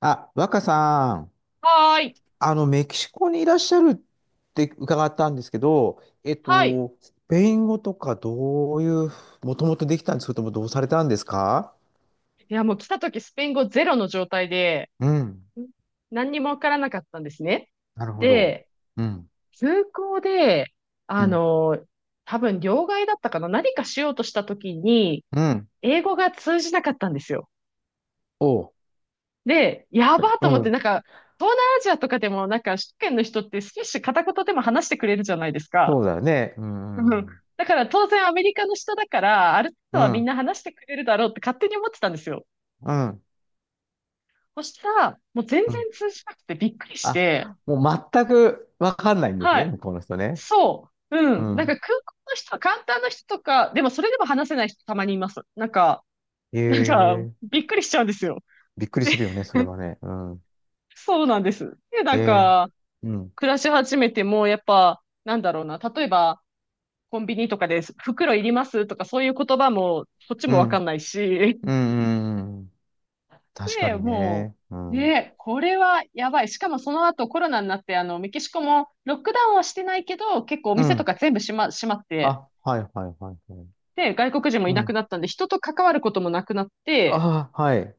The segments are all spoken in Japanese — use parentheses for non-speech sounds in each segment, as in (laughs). あ、若さん、はーい。メキシコにいらっしゃるって伺ったんですけど、はい。スペイン語とかどういう、もともとできたんですけども、どうされたんですか？いや、もう来た時スペイン語ゼロの状態で、うん。ん何にもわからなかったんですね。なるほど。で、うん。空港で、うあん。の、多分両替だったかな何かしようとした時に、うん。英語が通じなかったんですよ。おう。で、やばーとう思って、ん。なんか、東南アジアとかでも、なんか、首都圏の人って少し片言でも話してくれるじゃないですか。そうだよね。うん。ううん。ん。だから当然アメリカの人だから、ある程度うはみんん。な話してくれるだろうって勝手に思ってたんですよ。うん。そしたら、もう全然うん。通じなくてびっくりしあ、て、もう全くわかんないんですはね、い。向こうの人ね。そう。ううん。なんん。か空港の人は、簡単な人とか、でもそれでも話せない人たまにいます。なんか、なんか、ええ、びっくりしちゃうんですよ。びっくりするよね、それは (laughs) ね。うん。そうなんです。で、なえんえ。か、うん。暮らし始めても、やっぱ、なんだろうな、例えば、コンビニとかで袋いりますとか、そういう言葉も、こっちうもわかん。んないし、うん。うん。うん。確かで、にもね。うう、ん。ね、これはやばい。しかもその後コロナになって、あの、メキシコもロックダウンはしてないけど、結構おう店とん。か全部閉まって、あ、はいはいはいはい。で、外国人もういなくん。なったんで、人と関わることもなくなって、あ、はい。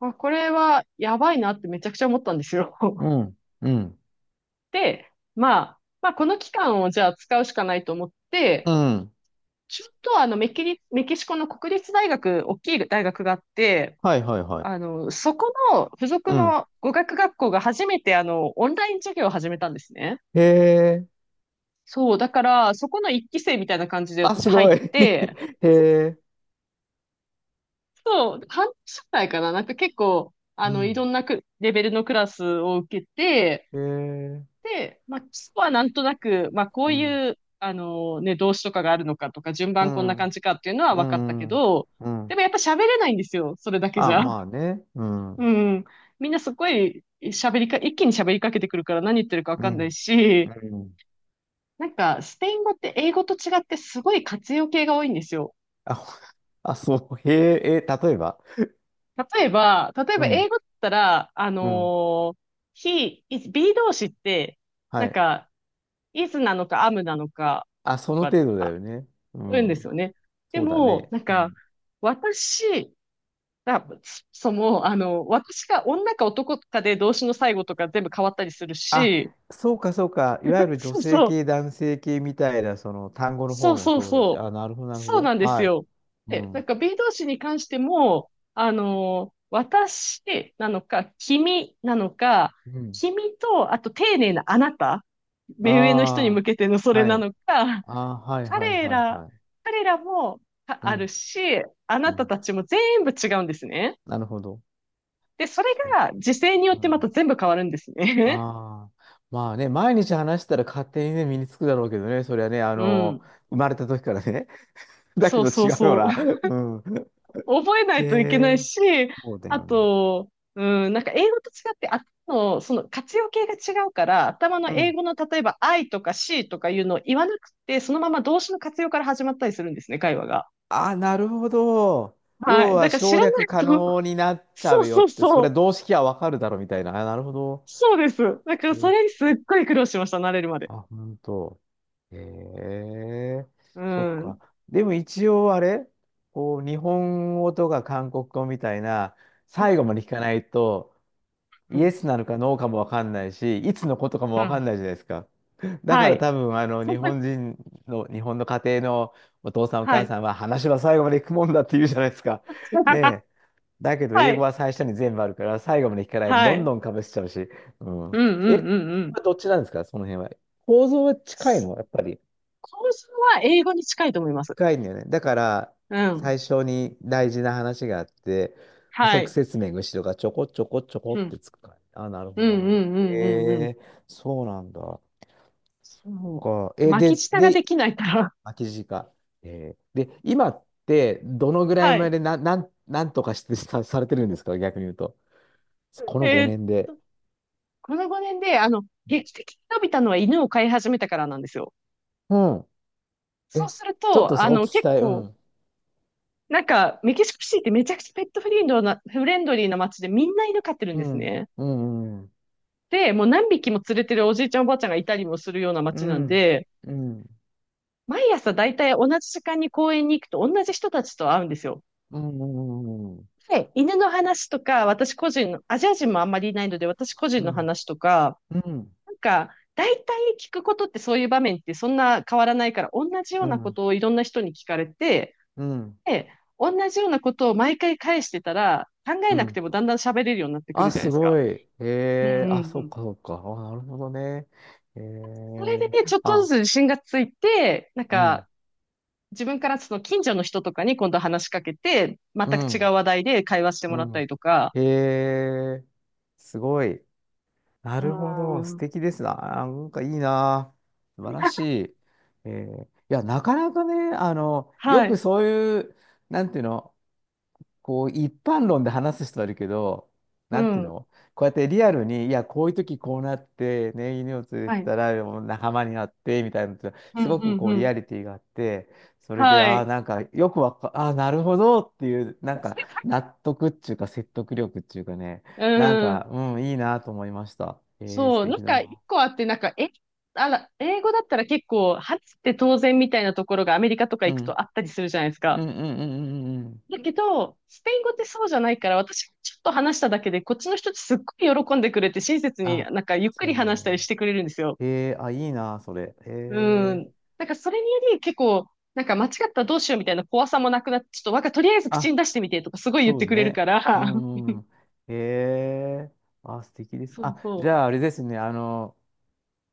あ、これはやばいなってめちゃくちゃ思ったんですよ。う (laughs) ん。うん。で、まあ、まあ、この期間をじゃあ使うしかないと思って、うん。ちょっとあのメキシコの国立大学、大きい大学があって、はいはいはあい。の、そこの付属うん。の語学学校が初めてあの、オンライン授業を始めたんですね。へえ。そう、だから、そこの一期生みたいな感じであ、私す入っごい。て、(laughs) へえ。そう、半年くらいかな、なんか結構、あうの、いろん。んなくレベルのクラスを受けて、へえ。で、まあ、基礎はなんとなく、まあ、こううん。いう、あの、ね、動詞とかがあるのかとか、順う番こんな感ん。じかっていうのはう分かったけん。ど、うでん。もやっぱ喋れないんですよ、それだけじあ、ゃ。まあね。うん。ううん。みんなすごい喋りか、一気に喋りかけてくるから何言ってるかわん。かんないうし、ん。なんか、スペイン語って英語と違ってすごい活用形が多いんですよ。あ、(laughs) ほ、あ、そう。へえ、え、例えば。例えば、例えうば英ん。語だったら、うん。He, is, be 動詞って、はなんい。か、is なのか am なのか、あ、そとのか、程度だあ、よね。う言うんですよん。ね。でそうだも、ね。なんうか、ん。私、だ、そも、私が女か男かで動詞の最後とか全部変わったりするあ、し、そうかそうか。いわゆる女そう性そう。系、男性系みたいな、その単語のそ方うもそうそうだそし。う。あ、なるほど、なるほそうど。なんですはい。よ。うで、なんん。か B 動詞に関しても、私なのか、君なのか、うん。君と、あと丁寧なあなた、目上の人に向あけてのそあ、れはない。のか、ああ、はいはい彼はいら、はい。彼らもあうあるん。し、あうなたん。たちも全部違うんですね。なるほど。で、それそが時勢によう。っうてまたん。全部変わるんですね。ああ。まあね、毎日話したら勝手にね、身につくだろうけどね、それはね、(laughs) うん。生まれた時からね。(laughs) だけそうどそ違ううよそう。な。うん。覚えなへいといけないえ、し、そうだあよね。と、うん、なんか英語と違って、その活用形が違うから、頭のう英ん。語の例えば I とか C とかいうのを言わなくて、そのまま動詞の活用から始まったりするんですね、会話が。あ、なるほど。は要い。だはから知省らな略い可と、(laughs) 能になっちゃそううよそっうて、そそれう、動式はわかるだろみたいな。あ、なるほど。そうです。だからそお、れにすっごい苦労しました、慣れるまで。あ、本当。へえ、うそっか。ん。でも一応あれ、こう、日本語とか韓国語みたいな、うん最後まで聞かないと、うイエん。スなのかノーかもわかんないし、いつのことかもうわかん。んないじゃないですか。だはからい。多分、日 (laughs) 本人の、日本の家庭のお父さんおは母い。さんは、話は最後まで行くもんだって言うじゃないです (laughs) はい。か。ね、 (laughs) だけど、は英語い。は最初に全部あるから、最後まで聞かないとはどんい。どんかぶしちゃうし。うん。うんうんえ、うんうこん。れどっちなんですか、その辺は。構造は近いのやっぱり。構造は英語に近いと思います。近いんだよね。だから、うん。最初に大事な話があって、補は足い。説明が後ろがちょこちょこちょこっうてん。つくから。あ、なるほうど、なるんうほんうど。んうんうん。えー、そうなんだ。そか。う。え、巻きで、舌がで、できないから。巻きか、えー、で、今って、どの (laughs) ぐらいはまい。でな、なん、なんとかしてさ、されてるんですか逆に言うと。このえーっ5年で。と、この5年で、劇的に伸びたのは犬を飼い始めたからなんですよ。うん。そうえ、するちょっと、とそこ聞き結たい。う構、ん。なんか、メキシコシティってめちゃくちゃペットフレンドな、フレンドリーな街でみんな犬飼ってるんうですん。ね。うん。で、もう何匹も連れてるおじいちゃんおばあちゃんがいたりもするようなう街なんん。で、うん。毎朝だいたい同じ時間に公園に行くと同じ人たちと会うんですよ。うん。はい、犬の話とか、私個人の、アジア人もあんまりいないので、私個う人のん。話とか、うん。なんか、大体聞くことってそういう場面ってそんな変わらないから、同じよううなん。うこん。とをいろんな人に聞かれて、うん。で、同じようなことを毎回返してたら、考えうなくん。てもだんだん喋れるようになってくあ、るじゃないすですごか。い。えうんうえ、んあ、うそうん。か、そうか。あ、なるほどね。えそれでえ、ね、ちょっとずあ、つ自信がついて、なんうん。か、自分からその近所の人とかに今度話しかけて、全うく違うん。話題で会話してうもらったりん。とか、ええ、すごい。なうるほど。素ん。敵ですな。あ、なんかいいな。素晴らしい。ええ、いや、なかなかね、よはくい。そういう、なんていうの、こう一般論で話す人はいるけど、うなんていうん。の、こうやってリアルに、いや、こういう時こうなって、ね、犬を連れてはい。たらもう仲間になって、みたいなのって、うすん、ごうくん、こううリん。アリティがあって、それで、はああ、い。なんかよくわか、ああ、なるほどっていう、なんか納得っていうか説得力っていうかね、なんうか、ん。うん、いいなと思いました。えー、素そう。な敵んだか、な。一個あって、なんか、あら、英語だったら結構、話って当然みたいなところがアメリカとかう行くん。とあったりするじゃないですうか。んうんうんうんうんうん。だけど、スペイン語ってそうじゃないから、私ちょっと話しただけで、こっちの人ってすっごい喜んでくれて、親切にあ、なんかゆっくそりうだよ話したりね。してくれるんですよ。えー、あ、いいな、それ。うえん。ー、なんかそれにより結構、なんか間違ったらどうしようみたいな怖さもなくなって、ちょっとわか、とりあえず口あ、に出してみてとかすごい言っそてうくれるかね。うら。んうん。へえ。あ、素敵で (laughs) す。そうあ、じそゃああれですね。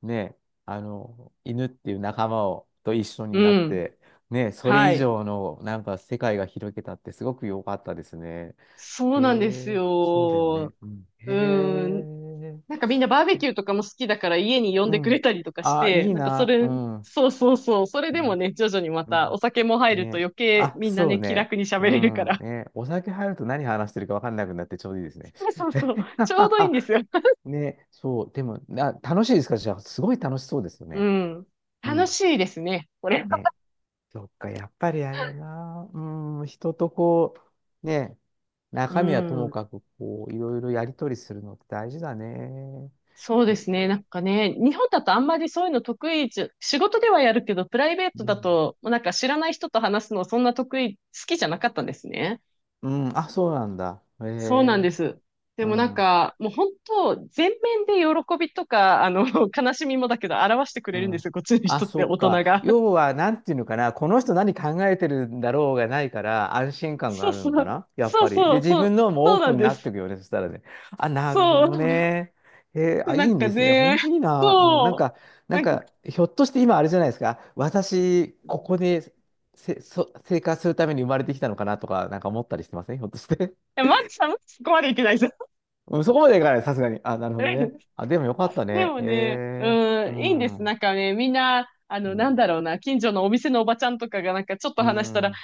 ね、犬っていう仲間をと一緒う。になうっん。て、ね、それは以い。上のなんか世界が広げたってすごく良かったですね。そへうなんですえ、そうだよよ。ね。うん、へうん。え。なんかみんなバーベキューとかも好きだから家に呼んうでくれん。たりとかしあ、て、いいなんかそな。うれ、ん。そうそうそう。それでもね。ね、徐々にまうたおん。酒も入るとね。余計あ、みんなそうね、気ね。楽に喋うれるかん。ら。ね。お酒入ると何話してるか分かんなくなってちょうどいいですね。そうそうそう。ちょうどいいんですよ。(laughs) ね、そう、でも、な、楽しいですかじゃあ、すごい楽しそうですようね。ん。う楽ん。しいですね、これ。ね、そっか、やっぱりあれだな、うん、人とこう、ね、う中身はともん。かく、こう、いろいろやり取りするのって大事だね。そうへですね。え、なんかね、日本だとあんまりそういうの得意じゃ、仕事ではやるけど、プライベートうだん。と、もうなんか知らない人と話すのそんな得意、好きじゃなかったんですね。うん、あ、そうなんだ。へそうなんえ、です。でうもなんん。か、もう本当、全面で喜びとか、あの、(laughs) 悲しみもだけど、表してくうれるんでん。すよ、こっちのあ、人っそて、っ大人か。が。(laughs) 要は、なんていうのかな、この人何考えてるんだろうがないから、安心感がそあうるのそかう、な、やっそうぱり。そで、う、自そう、分のもそオーうなプンんにでなっていす。くよね、そしたらね。あ、なるほそどう。ね。えー、で、あ、いないんんかですね。ね、本当いいな。うん、なんそう。か、なんなんか、いか、ひょっとして今、あれじゃないですか。私、ここでせ、そ、生活するために生まれてきたのかなとか、なんか思ったりしてませんひょっとして。や、マッチさん、マッチそここまでいけないです。 (laughs) うん、そこまでいかない、さすがに。あ、なるほどね。(laughs) あ、でもよかったでね。もえね、うー、うん、いいんです。なん。んかね、みんな、あうの、なんん。だろうな、近所のお店のおばちゃんとかがなんかちょっとう話したら、元ん。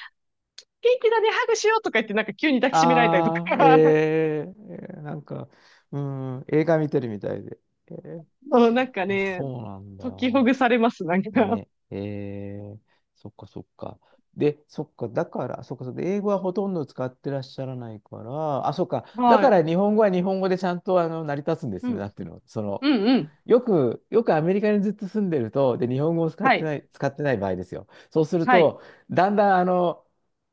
気だね、ハグしようとか言って、なんか急に抱きしめられたりとか、ああ、(laughs) えー、なんか、うん、映画見てるみたいで。えー、そうなんかあ、ね、そうなんだ。解きほぐされます、なんか。ね、えー、そっかそっか。で、そっか、だから、そっか、そっか、英語はほとんど使ってらっしゃらないから、あ、そっか、だはかい。ら日本語は日本語でちゃんと成り立つんでうすね、なん。んていうの、その、うんうん。よく、よくアメリカにずっと住んでると、で、日本語を使っはてい。ない、使ってない場合ですよ。そうするはい。と、だんだん、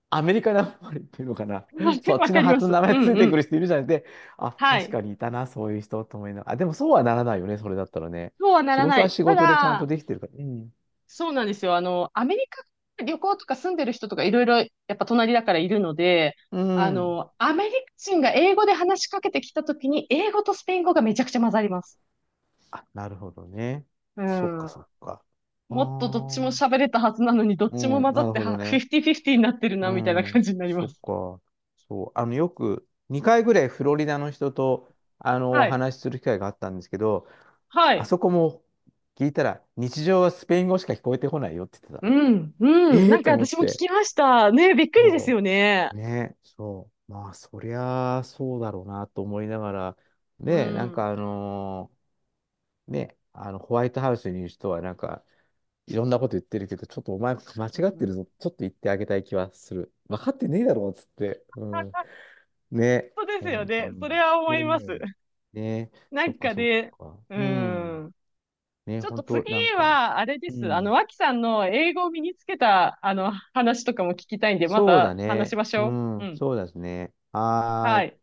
アメリカなまりっていうのかな。(laughs) そ (laughs) っわちかのりま発のす。名う前つんいうてくん。る人いるじゃないで、あ、は確い。かにいたな、そういう人と思いながら。あ、でもそうはならないよね、それだったらね。そうはな仕らな事はい。仕た事でちゃんとだ、できてるから。うん。そうなんですよ。あの、アメリカ旅行とか住んでる人とかいろいろやっぱ隣だからいるので、うあん。の、アメリカ人が英語で話しかけてきたときに、英語とスペイン語がめちゃくちゃ混ざります。あ、なるほどね。うそっかん。そっか。あもっとどっちもあ。喋れたはずなのに、どっうちもん、混ざなっるてほどは、ね。50-50になってるうな、みたいな感ん、じになりそまっす。か。そう、よく2回ぐらいフロリダの人と、おはい。話しする機会があったんですけど、はあい。そこも聞いたら、日常はスペイン語しか聞こえてこないよって言ってた。うん、うん。ええなーんとか思っ私も聞て。きました。ね、びっくりですそよね。う。ね、そう。まあ、そりゃあ、そうだろうなと思いながら、うね、なんん。かあのーね、ホワイトハウスにいる人は、なんか、いろんなこと言ってるけど、ちょっとお前間うん違っうてん、るぞ。ちょっと言ってあげたい気はする。分かってねえだろ、つって。うん、あ、ね、本当ですよ本当ね。に。それは思そういま思す。う。ね、なそっんかかそっね、か。ううん。ん。ね、ちょっと本当次なんか。は、あれでうす。あの、ん。脇さんの英語を身につけた、あの、話とかも聞きたいんで、まそうだた話しね。ましうょう。うん、ん。そうですね。はーはい。い。